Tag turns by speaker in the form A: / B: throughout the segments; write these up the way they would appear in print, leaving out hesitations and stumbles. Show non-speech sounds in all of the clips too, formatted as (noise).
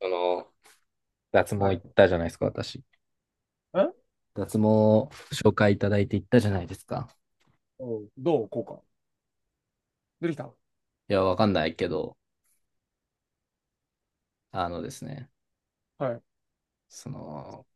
A: その、脱
B: は
A: 毛行っ
B: い。
A: たじゃないですか、私。
B: え
A: 脱毛紹介いただいて行ったじゃないですか。
B: おうんどうこうか。出てきた。
A: いや、わかんないけど、あのですね、
B: はい。
A: その、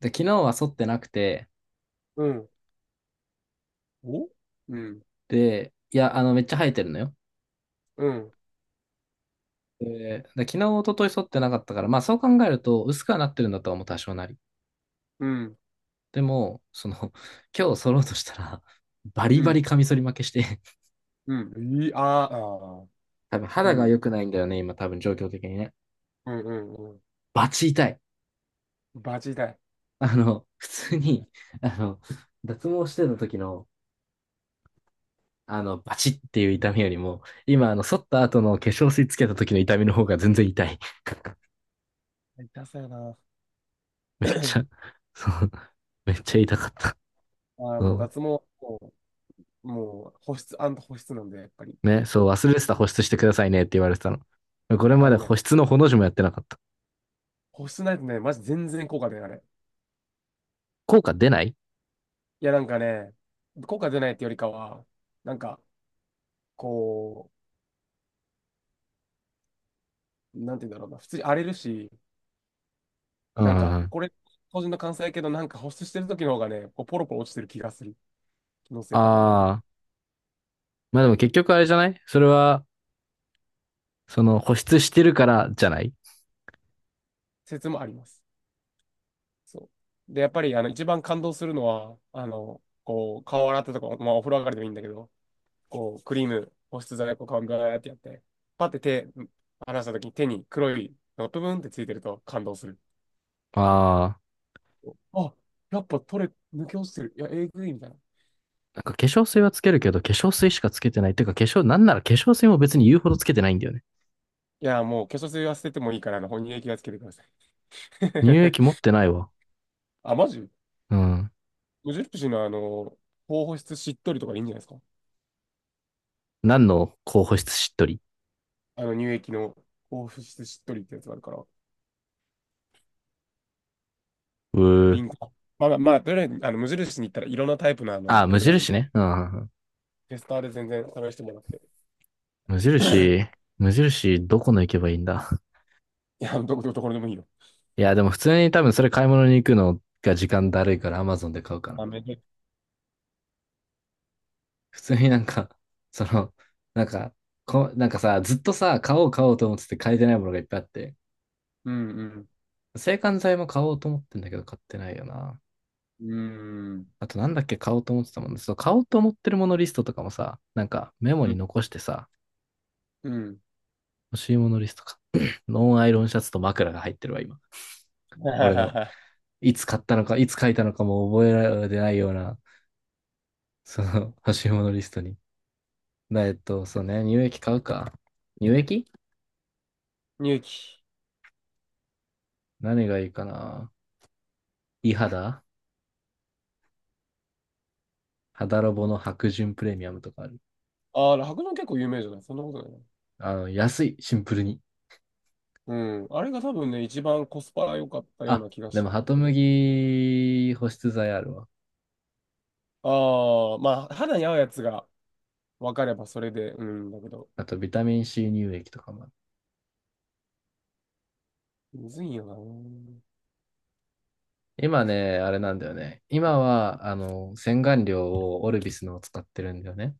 A: で、昨日は剃ってなくて、
B: うん。おうん。
A: で、いや、めっちゃ生えてるのよ。
B: うん。
A: で昨日、一昨日剃ってなかったから、まあそう考えると、薄くはなってるんだとは思う、多少なり。
B: うん。
A: でも、(laughs) 今日剃ろうとしたら、バ
B: う
A: リバリ
B: ん。
A: カミソリ負けして、(laughs)
B: うん。いい、あーあー。
A: 多分
B: う
A: 肌が
B: ん。
A: 良くないんだよね、今、多分状況的にね。
B: うんうんうん。
A: バチ痛い。
B: バジだい。
A: 普通に、あの、脱毛してた時の、バチっていう痛みよりも、今、剃った後の化粧水つけた時の痛みの方が全然痛い。(laughs)
B: 痛そうやな。
A: めっちゃ、
B: (coughs)
A: そう、めっちゃ痛かった。
B: ああ、もう
A: そ
B: 脱毛、もう保湿保湿なんで、やっぱり。
A: う。ね、そう、忘れてた、保湿してくださいねって言われてたの。これま
B: あ
A: で
B: のね、
A: 保湿のほの字もやってなかった。
B: 保湿ないとね、マジ全然効果出ない、あれ。
A: 効果出ない。
B: いや、なんかね、効果出ないってよりかは、なんか、こなんて言うんだろうな、普通に荒れるし、
A: うんう
B: なん
A: ん
B: か、
A: うん。
B: これ、個人の感想やけど、なんか保湿してる時の方がね、こうポロポロ落ちてる気がする。気のせいかわかんないけど。
A: ああ、まあでも結局あれじゃないそれは、その保湿してるからじゃない？
B: 説もあります。そう。で、やっぱり、一番感動するのは、こう、顔洗ったとか、まあ、お風呂上がりでもいいんだけど、こう、クリーム、保湿剤、こう、顔にガーってやって、パって手、離した時に手に黒いのがブブンってついてると感動する。
A: ああ
B: あ、やっぱ取れ、抜け落ちてる。いや、えぐいみたいな。い
A: ー、なんか化粧水はつけるけど、化粧水しかつけてない。てかなんなら化粧水も別に言うほどつけてないんだよね。
B: や、もう化粧水は捨ててもいいから、本人液はつけてください。
A: 乳
B: (laughs)
A: 液持ってないわ。
B: あ、マジ。
A: うん。
B: 無印のあの、高保湿しっとりとかでいいんじゃないですか。
A: 何の候補室しっとり？
B: あの、乳液の高保湿しっとりってやつがあるから、
A: うー。
B: 瓶が。まあとりあえず、無印に行ったらいろんなタイプのあの、
A: あ、
B: や
A: 無
B: つがあるフェ
A: 印ね。うん、
B: テスターで全然探してもらって。
A: 無印、
B: (coughs)
A: 無印、どこの行けばいいんだ。(laughs)
B: いや、どこ、どこでもいいよ。
A: いや、でも普通に多分それ、買い物に行くのが時間だるいから Amazon で買うかな。
B: あ、めで。
A: 普通になんか、(laughs) その、なんか、なんかさ、ずっとさ、買おう買おうと思ってて買えてないものがいっぱいあって、
B: うんうん。
A: 制汗剤も買おうと思ってんだけど買ってないよな。
B: うん。
A: あとなんだっけ、買おうと思ってたもんね。そう、買おうと思ってるものリストとかもさ、なんかメモ
B: う
A: に
B: ん。
A: 残してさ、
B: うん。
A: 欲しいものリストか。(clears throat) (laughs) ノンアイロンシャツと枕が入ってるわ、今。俺の、
B: (laughs)
A: いつ買ったのか、いつ書いたのかも覚えられてないような、その (laughs) 欲しいものリストに。なえっと、そうね、乳液買うか。乳液、
B: 乳液。
A: 何がいいかな。いい肌肌ロボの白潤プレミアムとかある。
B: ああ、酪農結構有名じゃない？そんなことないな。
A: 安い、シンプルに。
B: うん。あれが多分ね、一番コスパが良かったよう
A: あ、
B: な気が
A: で
B: す
A: も、
B: る
A: ハト
B: け
A: ム
B: ど。
A: ギ保湿剤あるわ。
B: ああ、まあ、肌に合うやつが分かればそれで、うん、だけど。
A: あと、ビタミン C 乳液とかもある。
B: むずいよな。うん
A: 今ね、あれなんだよね。今は、洗顔料をオルビスのを使ってるんだよね。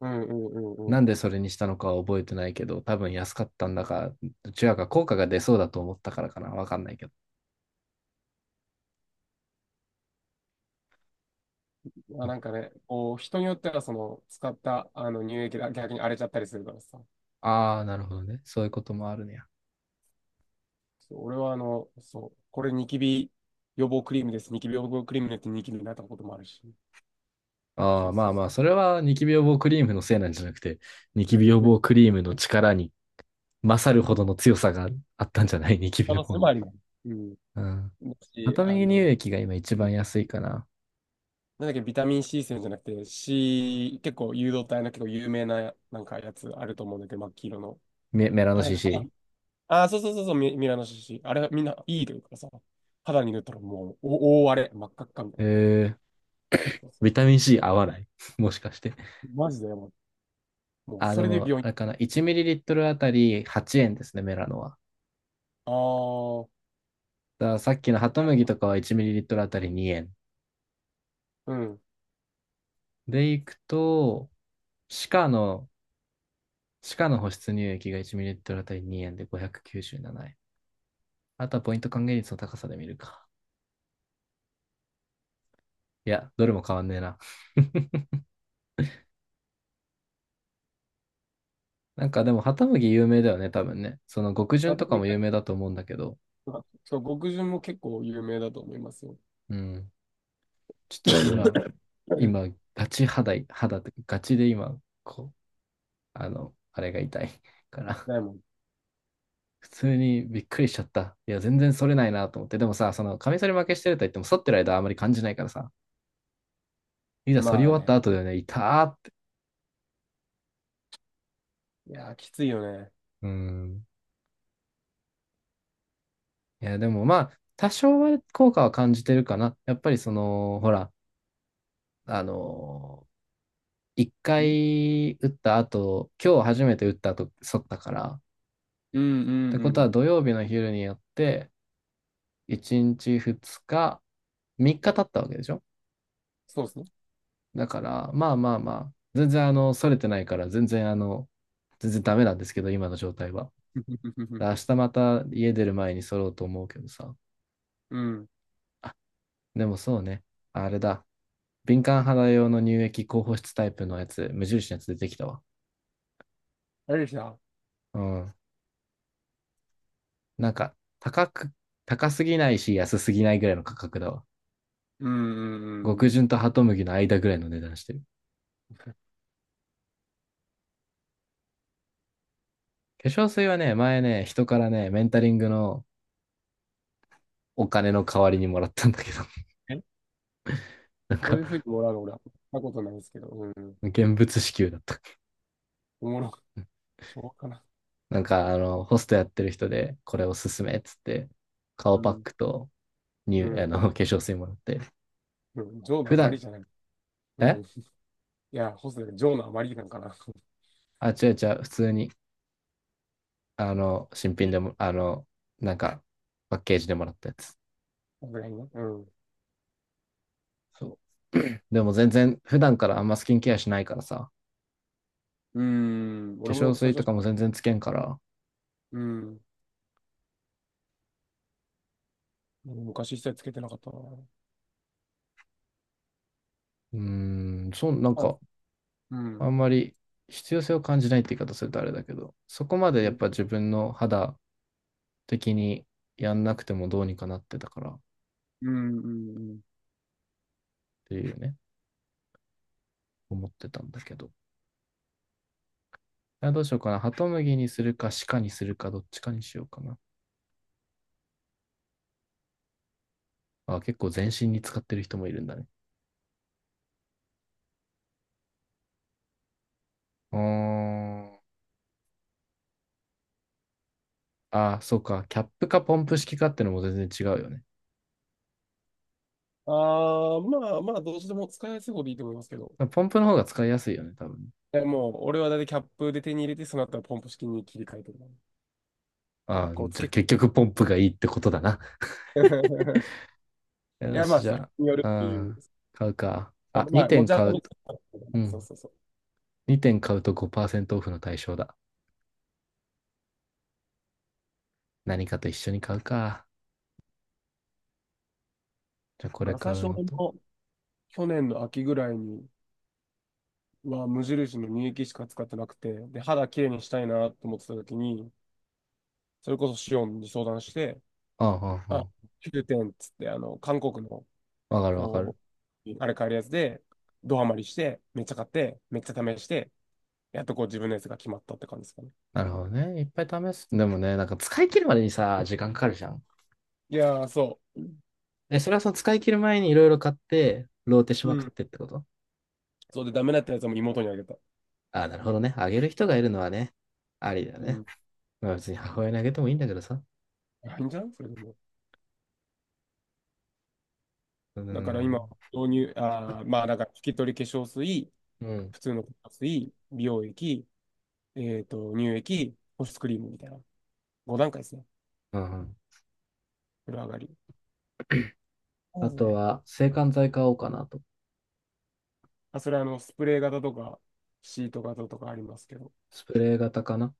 B: うんうんう
A: な
B: ん。
A: んでそれにしたのかは覚えてないけど、多分安かったんだか、どちらか効果が出そうだと思ったからかな。わかんないけど。
B: まあ、なんかね、こう、人によっては、その、使ったあの乳液が逆に荒れちゃったりするからさ。
A: ああー、なるほどね。そういうこともあるねや。
B: そう俺は、あの、そう、これニキビ予防クリームです。ニキビ予防クリームによってニキビになったこともあるし。
A: あ
B: そ
A: あ、
B: う
A: ま
B: そ
A: あ
B: うそ
A: まあ、それはニキビ予防クリームのせいなんじゃなくて、ニキビ予
B: う。(laughs)
A: 防クリームの力に勝るほどの強さがあったんじゃない、(laughs) ニキビ
B: 可
A: の
B: 能
A: 方
B: 性も
A: に。
B: あります。うん。
A: うん。
B: だ
A: ア
B: し、
A: ト
B: あ
A: ミー乳
B: の、
A: 液が今一番安いかな。
B: なんだっけ、ビタミン C 線じゃなくて、C、結構誘導体の結構有名な、なんかやつあると思うんだけど、真っ黄色の。
A: メラノ
B: あれ、
A: CC。
B: ああそうそうそうそう、ミミラノシシ。あれ、みんないいというかさ、肌に塗ったらもう、お大荒れ、真っ赤っかみた
A: え
B: いな。
A: ー、
B: そうそ
A: ビ
B: う。
A: タミン C 合わない (laughs) もしかして。
B: マジでやばい。もう、
A: ああ、
B: そ
A: で
B: れで
A: も、
B: 病
A: あれ
B: 院。
A: かな。1ml あたり8円ですね、メラノは。
B: ああ、
A: だからさっきのハトムギとかは 1ml あたり2円。
B: うん。
A: で、いくと、シカの、シカの保湿乳液が 1ml あたり2円で597円。あとはポイント還元率の高さで見るか。いや、どれも変わんねえな。(laughs) なんかでも、ハトムギ有名だよね、多分ね。その極潤
B: 熱
A: とか
B: 海
A: も
B: が
A: 有名だと思うんだけど。
B: そう、極潤も結構有名だと思いますよ。
A: うん。ちょっと今、
B: (laughs)
A: 今、ガチ肌い、肌って、ガチで今、こう、あれが痛いから。
B: ないもん。
A: 普通にびっくりしちゃった。いや、全然反れないなと思って。でもさ、カミソリ負けしてると言っても、反ってる間はあまり感じないからさ、いざ反り終
B: まあ
A: わっ
B: ね。
A: た後だよね、痛ーって。
B: いやー、きついよね。
A: うん。いや、でもまあ、多少は効果は感じてるかな。やっぱりその、ほら、あの一
B: ん
A: 回打った後、今日初めて打った後、反ったから。っ
B: うんう
A: て
B: ん
A: こ
B: う
A: とは、
B: ん。
A: 土曜日の昼にやって、1日2日、3日経ったわけでしょ。
B: そうですね。
A: だから、まあまあまあ、全然それてないから、全然全然ダメなんですけど、今の状態は。
B: (laughs)
A: 明日また家出る前に揃おうと思うけどさ。
B: うん。
A: でもそうね、あれだ。敏感肌用の乳液、高保湿タイプのやつ、無印のやつ出てきたわ。
B: あれでした。
A: うん。なんか、高く、高すぎないし、安すぎないぐらいの価格だわ。
B: うんうんうんう
A: 極
B: ん。
A: 潤とハトムギの間ぐらいの値段してる。化粧水はね、前ね、人からね、メンタリングのお金の代わりにもらったんだけど、(laughs)
B: え
A: なん
B: そう
A: か、
B: いうふうにもらうの俺は、なことないですけど。うん。
A: 現物支給だった。
B: おもろ、しょうがかな。
A: なんか、ホストやってる人で、これおすすめっつって、顔
B: う
A: パッ
B: ん。
A: クと
B: う
A: (laughs)
B: ん。
A: 化粧水もらって、
B: うん、ジョーの
A: 普
B: 余り
A: 段、
B: じゃない。うん。
A: え
B: いや、ホスで、ジョーの余りなんかな。(laughs) さ
A: 違う違う、普通に、新品でも、なんか、パッケージでもらったやつ。
B: すがにね。うん。う
A: そう (clears throat)。でも全然、普段からあんまスキンケアしないからさ、
B: ーん。
A: 化
B: 俺
A: 粧
B: も最
A: 水と
B: 初、
A: かも全然つけんから、
B: うん。昔一切つけてなかったな。
A: うーん、そう、なん
B: あ、
A: か、
B: う
A: あ
B: ん。
A: んまり必要性を感じないって言い方するとあれだけど、そこまで
B: う
A: やっ
B: ん、
A: ぱ自分の肌的にやんなくてもどうにかなってたからっ
B: うん、うん。
A: ていうね。思ってたんだけど。どうしようかな。ハトムギにするか、鹿にするか、どっちかにしようかな。あ、結構全身に使ってる人もいるんだね。うーん。あ、そうか。キャップかポンプ式かってのも全然違うよね。
B: ああ、まあまあ、どうしても使いやすい方でいいと思いますけど。
A: ポンプの方が使いやすいよね、多分。
B: え、もう、俺はだいたいキャップで手に入れて、その後はポンプ式に切り替えてる。
A: あ、
B: こう、つ
A: じゃあ
B: け、(laughs)
A: 結局ポンプがいいってことだな。
B: い
A: よ
B: や、ま
A: し、
B: あ、
A: じ
B: その人
A: ゃ
B: による
A: あ、
B: ってい
A: う
B: う。
A: ん、買うか。あ、
B: まあ、
A: 2
B: 持
A: 点
B: ち
A: 買
B: 運
A: う
B: び。
A: と、う
B: そう
A: ん。
B: そうそう。
A: 2点買うと5%オフの対象だ。何かと一緒に買うか。じゃあ
B: だ
A: こ
B: か
A: れ
B: ら
A: 買
B: 最
A: う
B: 初、
A: の
B: 俺
A: と。
B: も去年の秋ぐらいに、は無印の乳液しか使ってなくて、で、肌きれいにしたいなと思ってた時に、それこそシオンに相談して、
A: ああ、
B: あ、
A: あ
B: 9点っつって、韓国の、
A: あ、わかるわか
B: こ
A: る。
B: う、あれ買えるやつで、ドハマりして、めっちゃ買って、めっちゃ試して、やっとこう自分のやつが決まったって感じですかね。
A: なるほどね。いっぱい試す。でもね、なんか使い切るまでにさ、時間かかるじゃん。
B: いやー、そ
A: え、それはその使い切る前にいろいろ買って、ローテし
B: う。う
A: まくっ
B: ん。
A: てってこと？
B: そうで、ダメだったやつも妹にあげた。
A: ああ、なるほどね。あげる人がいるのはね、ありだ
B: う
A: ね。
B: ん。
A: まあ別に母親にあげてもいいんだけどさ。
B: いいんじゃない？それでも。
A: うー
B: だから今、
A: ん。
B: 導入、あー、まあ、だから、拭き取り化粧水、
A: うん。
B: 普通の化粧水、美容液、えっと、乳液、保湿クリームみたいな。5段階ですね。
A: うんうん。
B: 風呂上がり。そ
A: あ
B: うです
A: と
B: ね。
A: は、制汗剤買おうかなと。
B: あ、それあの、スプレー型とか、シート型とかありますけど。
A: スプレー型かな。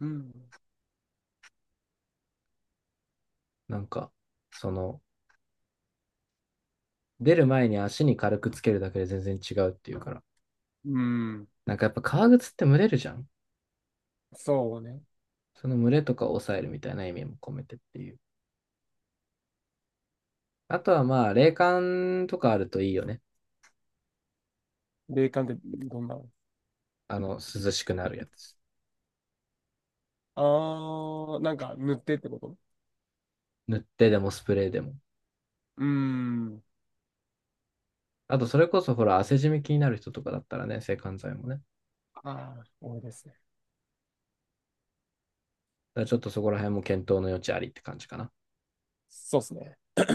B: うん。
A: なんか、その、出る前に足に軽くつけるだけで全然違うっていうから。
B: うん。
A: なんかやっぱ革靴って蒸れるじゃん。
B: そうね。
A: その蒸れとかを抑えるみたいな意味も込めてっていう。あとはまあ、冷感とかあるといいよね。
B: 冷感ってどんなの？
A: 涼しくなるやつ。
B: あー、なんか塗ってってこと？
A: 塗ってでもスプレーでも。
B: うーん。
A: あと、それこそほら、汗じみ気になる人とかだったらね、制汗剤もね。だ
B: あー、多いですね。
A: からちょっとそこら辺も検討の余地ありって感じかな。
B: そうですね。